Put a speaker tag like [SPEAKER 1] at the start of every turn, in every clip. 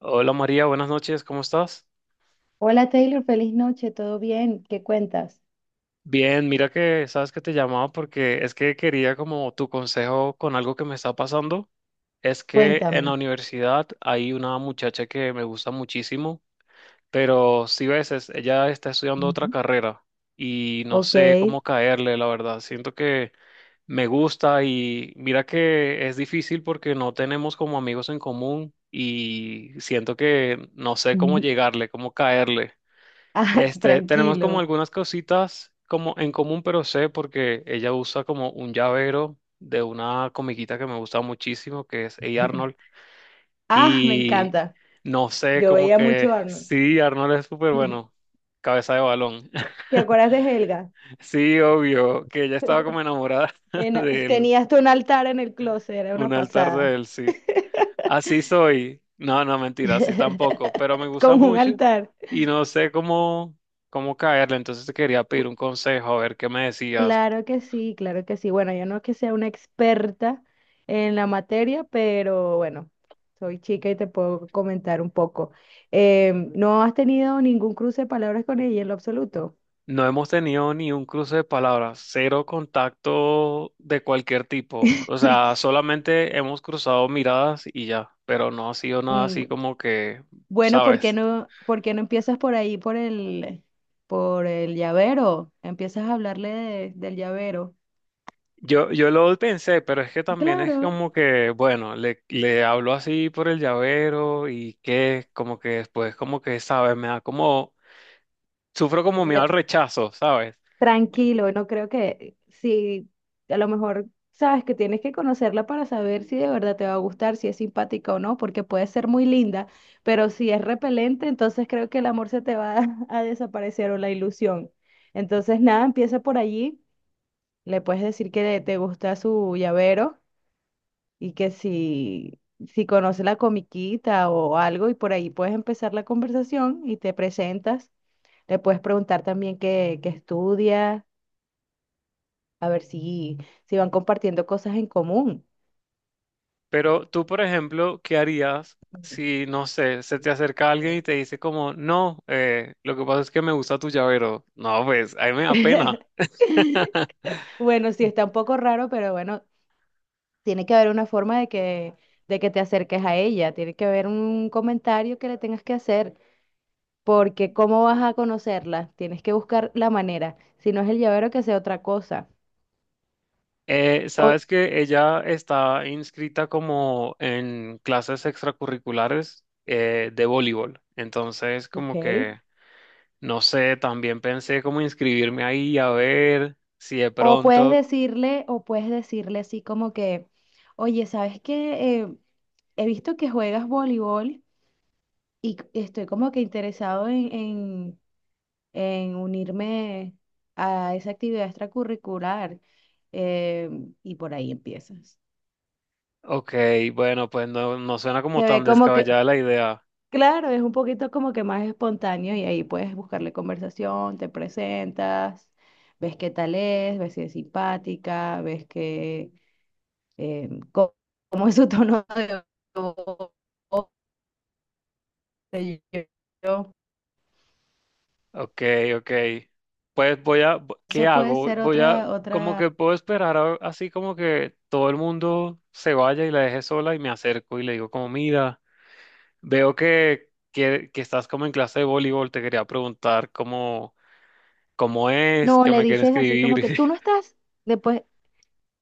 [SPEAKER 1] Hola María, buenas noches, ¿cómo estás?
[SPEAKER 2] Hola Taylor, feliz noche, ¿todo bien? ¿Qué cuentas?
[SPEAKER 1] Bien, mira que sabes que te llamaba porque es que quería como tu consejo con algo que me está pasando. Es que en la
[SPEAKER 2] Cuéntame.
[SPEAKER 1] universidad hay una muchacha que me gusta muchísimo, pero si ves, ella está estudiando otra
[SPEAKER 2] Ujú.
[SPEAKER 1] carrera y no
[SPEAKER 2] Ok.
[SPEAKER 1] sé cómo caerle, la verdad. Siento que me gusta y mira que es difícil porque no tenemos como amigos en común y siento que no sé cómo
[SPEAKER 2] Ujú.
[SPEAKER 1] llegarle, cómo caerle.
[SPEAKER 2] Ah,
[SPEAKER 1] Tenemos como
[SPEAKER 2] tranquilo.
[SPEAKER 1] algunas cositas como en común, pero sé porque ella usa como un llavero de una comiquita que me gusta muchísimo, que es Hey Arnold.
[SPEAKER 2] Ah, me
[SPEAKER 1] Y
[SPEAKER 2] encanta.
[SPEAKER 1] no sé,
[SPEAKER 2] Yo
[SPEAKER 1] como
[SPEAKER 2] veía
[SPEAKER 1] que
[SPEAKER 2] mucho Arnold.
[SPEAKER 1] sí, Arnold es súper bueno, cabeza de balón.
[SPEAKER 2] ¿Te acuerdas de Helga?
[SPEAKER 1] Sí, obvio, que ella estaba como enamorada de él,
[SPEAKER 2] Tenía hasta un altar en el closet, era una
[SPEAKER 1] un altar
[SPEAKER 2] pasada.
[SPEAKER 1] de él, sí. Así soy. No, no, mentira, así tampoco, pero me gusta
[SPEAKER 2] Como un
[SPEAKER 1] mucho
[SPEAKER 2] altar.
[SPEAKER 1] y no sé cómo, cómo caerle, entonces te quería pedir un consejo, a ver qué me decías.
[SPEAKER 2] Claro que sí, claro que sí. Bueno, yo no que sea una experta en la materia, pero bueno, soy chica y te puedo comentar un poco. ¿No has tenido ningún cruce de palabras con ella en lo absoluto?
[SPEAKER 1] No hemos tenido ni un cruce de palabras, cero contacto de cualquier tipo. O sea, solamente hemos cruzado miradas y ya, pero no ha sido nada
[SPEAKER 2] Mm,
[SPEAKER 1] así como que,
[SPEAKER 2] bueno, ¿por qué
[SPEAKER 1] ¿sabes?
[SPEAKER 2] no, por qué no empiezas por ahí, por el llavero? Empiezas a hablarle del llavero.
[SPEAKER 1] Yo lo pensé, pero es que también es
[SPEAKER 2] Claro.
[SPEAKER 1] como que, bueno, le hablo así por el llavero y que como que después como que, ¿sabes? Me da como, sufro como miedo al rechazo, ¿sabes?
[SPEAKER 2] Tranquilo, no creo que si a lo mejor sabes que tienes que conocerla para saber si de verdad te va a gustar, si es simpática o no, porque puede ser muy linda, pero si es repelente, entonces creo que el amor se te va a desaparecer o la ilusión. Entonces, nada, empieza por allí, le puedes decir que te gusta su llavero y que si conoce la comiquita o algo y por ahí puedes empezar la conversación y te presentas, le puedes preguntar también qué estudia. A ver si van compartiendo cosas en común.
[SPEAKER 1] Pero tú, por ejemplo, ¿qué harías si, no sé, se te acerca alguien y te dice como, no, lo que pasa es que me gusta tu llavero? No, pues, a mí me da pena.
[SPEAKER 2] Bueno, sí, está un poco raro, pero bueno, tiene que haber una forma de que te acerques a ella, tiene que haber un comentario que le tengas que hacer, porque ¿cómo vas a conocerla? Tienes que buscar la manera, si no es el llavero, que sea otra cosa. O,
[SPEAKER 1] Sabes que ella está inscrita como en clases extracurriculares de voleibol. Entonces,
[SPEAKER 2] ok.
[SPEAKER 1] como que, no sé, también pensé como inscribirme ahí a ver si de
[SPEAKER 2] O puedes
[SPEAKER 1] pronto,
[SPEAKER 2] decirle, o puedes decirle así como que, oye, ¿sabes qué? He visto que juegas voleibol y estoy como que interesado en unirme a esa actividad extracurricular. eh, y por ahí empiezas.
[SPEAKER 1] ok, bueno, pues no, no suena
[SPEAKER 2] Se
[SPEAKER 1] como
[SPEAKER 2] ve
[SPEAKER 1] tan
[SPEAKER 2] como que,
[SPEAKER 1] descabellada la idea.
[SPEAKER 2] claro, es un poquito como que más espontáneo y ahí puedes buscarle conversación, te presentas, ves qué tal es, ves si es simpática, ves que, eh, co- cómo es su tono de voz. Qué sé yo.
[SPEAKER 1] Ok, ok. Pues voy a, ¿qué
[SPEAKER 2] Eso puede
[SPEAKER 1] hago?
[SPEAKER 2] ser
[SPEAKER 1] Voy a, como
[SPEAKER 2] otra.
[SPEAKER 1] que puedo esperar así como que todo el mundo se vaya y la deje sola y me acerco y le digo como, mira, veo que estás como en clase de voleibol, te quería preguntar cómo, cómo es,
[SPEAKER 2] No,
[SPEAKER 1] que
[SPEAKER 2] le
[SPEAKER 1] me quieren
[SPEAKER 2] dices así como
[SPEAKER 1] escribir.
[SPEAKER 2] que tú no estás, después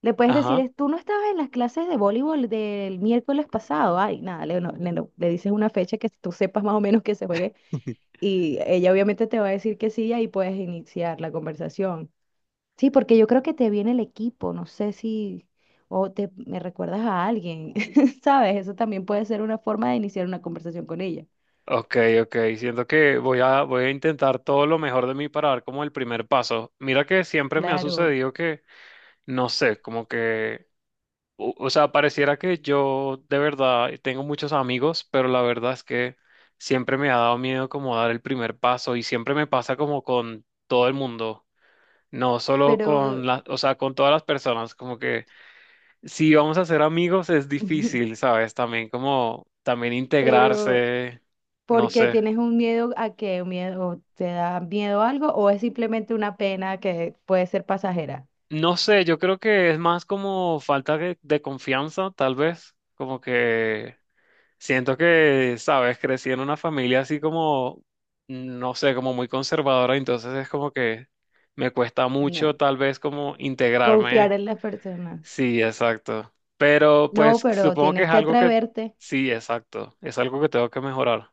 [SPEAKER 2] le puedes decir
[SPEAKER 1] Ajá.
[SPEAKER 2] es, tú no estabas en las clases de voleibol del miércoles pasado, ay, nada, le, no- le, no- le dices una fecha que tú sepas más o menos que se juegue y ella obviamente te va a decir que sí y ahí puedes iniciar la conversación. Sí, porque yo creo que te viene el equipo, no sé si, o te me recuerdas a alguien, ¿sabes? Eso también puede ser una forma de iniciar una conversación con ella,
[SPEAKER 1] Ok, ok. Siento que voy a, voy a intentar todo lo mejor de mí para dar como el primer paso. Mira que siempre me ha
[SPEAKER 2] claro,
[SPEAKER 1] sucedido que, no sé, como que... o sea, pareciera que yo de verdad tengo muchos amigos, pero la verdad es que siempre me ha dado miedo como dar el primer paso y siempre me pasa como con todo el mundo, no solo con
[SPEAKER 2] pero...
[SPEAKER 1] las, o sea, con todas las personas, como que si vamos a ser amigos es difícil, ¿sabes? También como, también
[SPEAKER 2] Pero
[SPEAKER 1] integrarse, no
[SPEAKER 2] porque
[SPEAKER 1] sé.
[SPEAKER 2] tienes un miedo a que un miedo o te da miedo algo o es simplemente una pena que puede ser pasajera.
[SPEAKER 1] No sé, yo creo que es más como falta de confianza, tal vez, como que... Siento que, sabes, crecí en una familia así como, no sé, como muy conservadora, entonces es como que me cuesta mucho
[SPEAKER 2] No.
[SPEAKER 1] tal vez como integrarme.
[SPEAKER 2] Confiar en las personas.
[SPEAKER 1] Sí, exacto. Pero
[SPEAKER 2] No,
[SPEAKER 1] pues
[SPEAKER 2] pero
[SPEAKER 1] supongo que
[SPEAKER 2] tienes
[SPEAKER 1] es
[SPEAKER 2] que
[SPEAKER 1] algo que,
[SPEAKER 2] atreverte.
[SPEAKER 1] sí, exacto, es algo que tengo que mejorar.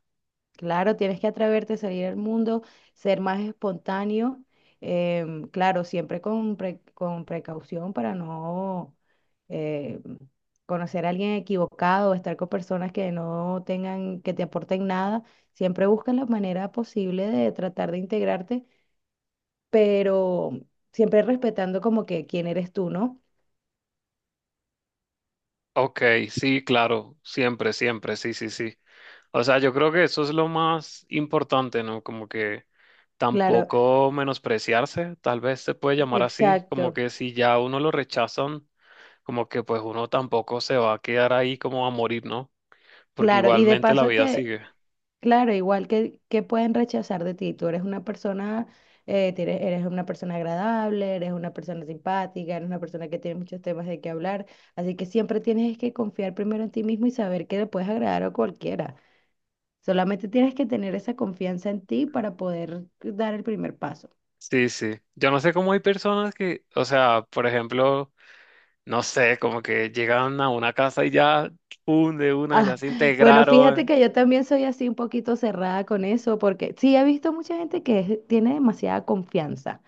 [SPEAKER 2] Claro, tienes que atreverte a salir al mundo, ser más espontáneo, claro, siempre con precaución para no eh, conocer a alguien equivocado o estar con personas que no tengan, que te aporten nada. Siempre busca la manera posible de tratar de integrarte, pero siempre respetando como que quién eres tú, ¿no?
[SPEAKER 1] Ok, sí, claro, siempre, siempre, sí, sí, sí. O sea, yo creo que eso es lo más importante, ¿no? Como que
[SPEAKER 2] Claro,
[SPEAKER 1] tampoco menospreciarse, tal vez se puede llamar así, como
[SPEAKER 2] exacto.
[SPEAKER 1] que si ya a uno lo rechazan, como que pues uno tampoco se va a quedar ahí como a morir, ¿no? Porque
[SPEAKER 2] Claro, y de
[SPEAKER 1] igualmente la
[SPEAKER 2] paso
[SPEAKER 1] vida
[SPEAKER 2] que
[SPEAKER 1] sigue.
[SPEAKER 2] claro, igual que pueden rechazar de ti. Tú eres una persona, eres una persona agradable, eres una persona simpática, eres una persona que tiene muchos temas de qué hablar. Así que siempre tienes que confiar primero en ti mismo y saber que le puedes agradar a cualquiera. Solamente tienes que tener esa confianza en ti para poder dar el primer paso.
[SPEAKER 1] Sí, sí. Yo no sé cómo hay personas que, o sea, por ejemplo, no sé, como que llegan a una casa y ya, pum, de una, ya
[SPEAKER 2] Ah,
[SPEAKER 1] se
[SPEAKER 2] bueno, fíjate
[SPEAKER 1] integraron.
[SPEAKER 2] que yo también soy así un poquito cerrada con eso, porque sí he visto mucha gente que tiene demasiada confianza.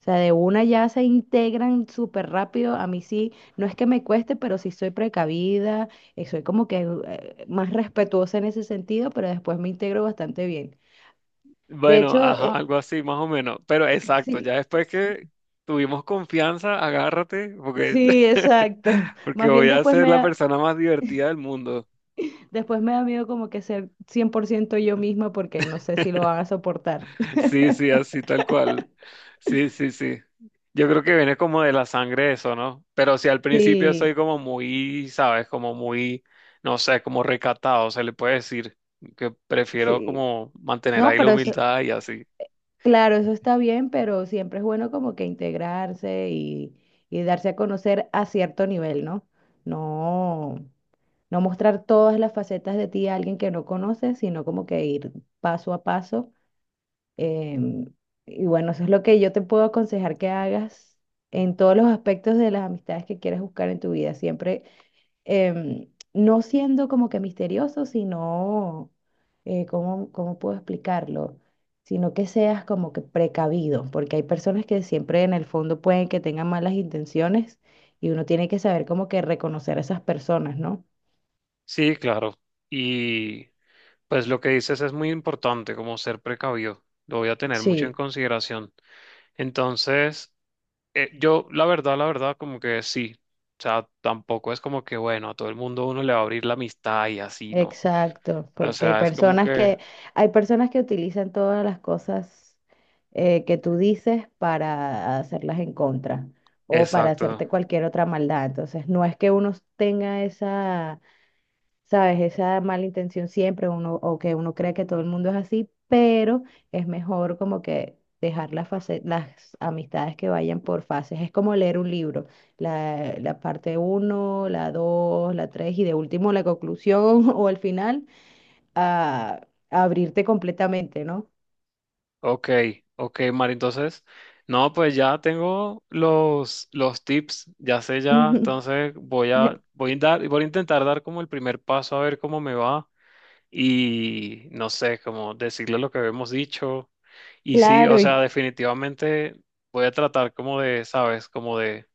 [SPEAKER 2] O sea, de una ya se integran súper rápido. A mí sí, no es que me cueste, pero sí soy precavida, soy como que más respetuosa en ese sentido, pero después me integro bastante bien. De
[SPEAKER 1] Bueno,
[SPEAKER 2] hecho,
[SPEAKER 1] ajá, algo así, más o menos. Pero exacto, ya
[SPEAKER 2] sí,
[SPEAKER 1] después que tuvimos confianza, agárrate, porque,
[SPEAKER 2] sí, exacto.
[SPEAKER 1] porque
[SPEAKER 2] Más bien
[SPEAKER 1] voy a ser la persona más divertida del mundo.
[SPEAKER 2] después me da miedo como que ser 100% yo misma porque no sé si lo van a soportar.
[SPEAKER 1] Sí, sí, así tal cual. Sí, sí, sí. Yo creo que viene como de la sangre eso, ¿no? Pero si al principio
[SPEAKER 2] Sí,
[SPEAKER 1] soy como muy, ¿sabes? Como muy, no sé, como recatado, se le puede decir que prefiero
[SPEAKER 2] sí.
[SPEAKER 1] como mantener
[SPEAKER 2] No,
[SPEAKER 1] ahí la
[SPEAKER 2] pero eso
[SPEAKER 1] humildad y así.
[SPEAKER 2] claro, eso está bien, pero siempre es bueno como que integrarse y darse a conocer a cierto nivel, ¿no? No, no mostrar todas las facetas de ti a alguien que no conoces, sino como que ir paso a paso. em, y bueno, eso es lo que yo te puedo aconsejar que hagas en todos los aspectos de las amistades que quieras buscar en tu vida. Siempre no siendo como que misterioso, sino, ¿cómo puedo explicarlo? Sino que seas como que precavido, porque hay personas que siempre en el fondo pueden que tengan malas intenciones y uno tiene que saber como que reconocer a esas personas, ¿no?
[SPEAKER 1] Sí, claro. Y pues lo que dices es muy importante, como ser precavido. Lo voy a tener mucho en
[SPEAKER 2] Sí.
[SPEAKER 1] consideración. Entonces, yo, la verdad, como que sí. O sea, tampoco es como que, bueno, a todo el mundo uno le va a abrir la amistad y así, ¿no?
[SPEAKER 2] Exacto,
[SPEAKER 1] O
[SPEAKER 2] porque
[SPEAKER 1] sea, es como que,
[SPEAKER 2] hay personas que utilizan todas las cosas que tú dices para hacerlas en contra o para
[SPEAKER 1] exacto.
[SPEAKER 2] hacerte cualquier otra maldad. Entonces, no es que uno tenga esa, ¿sabes? Esa mala intención siempre, uno, o que uno cree que todo el mundo es así, pero es mejor como que dejar las amistades que vayan por fases. Es como leer un libro, la parte uno, la 2, la 3 y de último la conclusión o el final, a abrirte completamente, ¿no?
[SPEAKER 1] Ok, ok, Mari. Entonces, no, pues ya tengo los tips, ya sé ya. Entonces, voy a, voy a dar, voy a intentar dar como el primer paso a ver cómo me va. Y no sé, como decirle lo que habíamos dicho. Y sí, o
[SPEAKER 2] Claro,
[SPEAKER 1] sea, definitivamente voy a tratar como de, ¿sabes? Como de,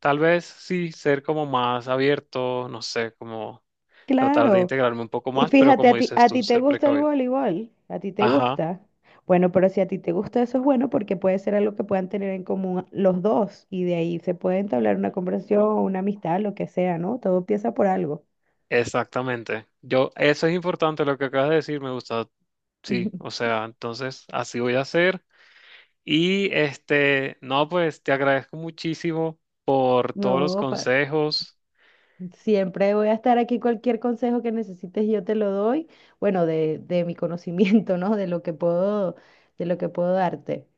[SPEAKER 1] tal vez sí, ser como más abierto, no sé, como tratar de
[SPEAKER 2] claro.
[SPEAKER 1] integrarme un poco
[SPEAKER 2] Y
[SPEAKER 1] más, pero
[SPEAKER 2] fíjate,
[SPEAKER 1] como dices
[SPEAKER 2] a
[SPEAKER 1] tú,
[SPEAKER 2] ti te
[SPEAKER 1] ser
[SPEAKER 2] gusta el
[SPEAKER 1] precavido.
[SPEAKER 2] voleibol, a ti te
[SPEAKER 1] Ajá,
[SPEAKER 2] gusta. Bueno, pero si a ti te gusta eso es bueno porque puede ser algo que puedan tener en común los dos y de ahí se puede entablar una conversación, una amistad, lo que sea, ¿no? Todo empieza por algo.
[SPEAKER 1] exactamente. Yo, eso es importante, lo que acabas de decir, me gusta. Sí, o sea, entonces así voy a hacer. Y no, pues te agradezco muchísimo por todos los
[SPEAKER 2] No,
[SPEAKER 1] consejos.
[SPEAKER 2] siempre voy a estar aquí. Cualquier consejo que necesites, yo te lo doy. Bueno, de mi conocimiento, ¿no? De lo que puedo darte.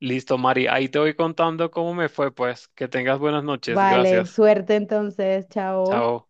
[SPEAKER 1] Listo, Mari, ahí te voy contando cómo me fue, pues. Que tengas buenas noches.
[SPEAKER 2] Vale,
[SPEAKER 1] Gracias.
[SPEAKER 2] suerte entonces, chao.
[SPEAKER 1] Chao.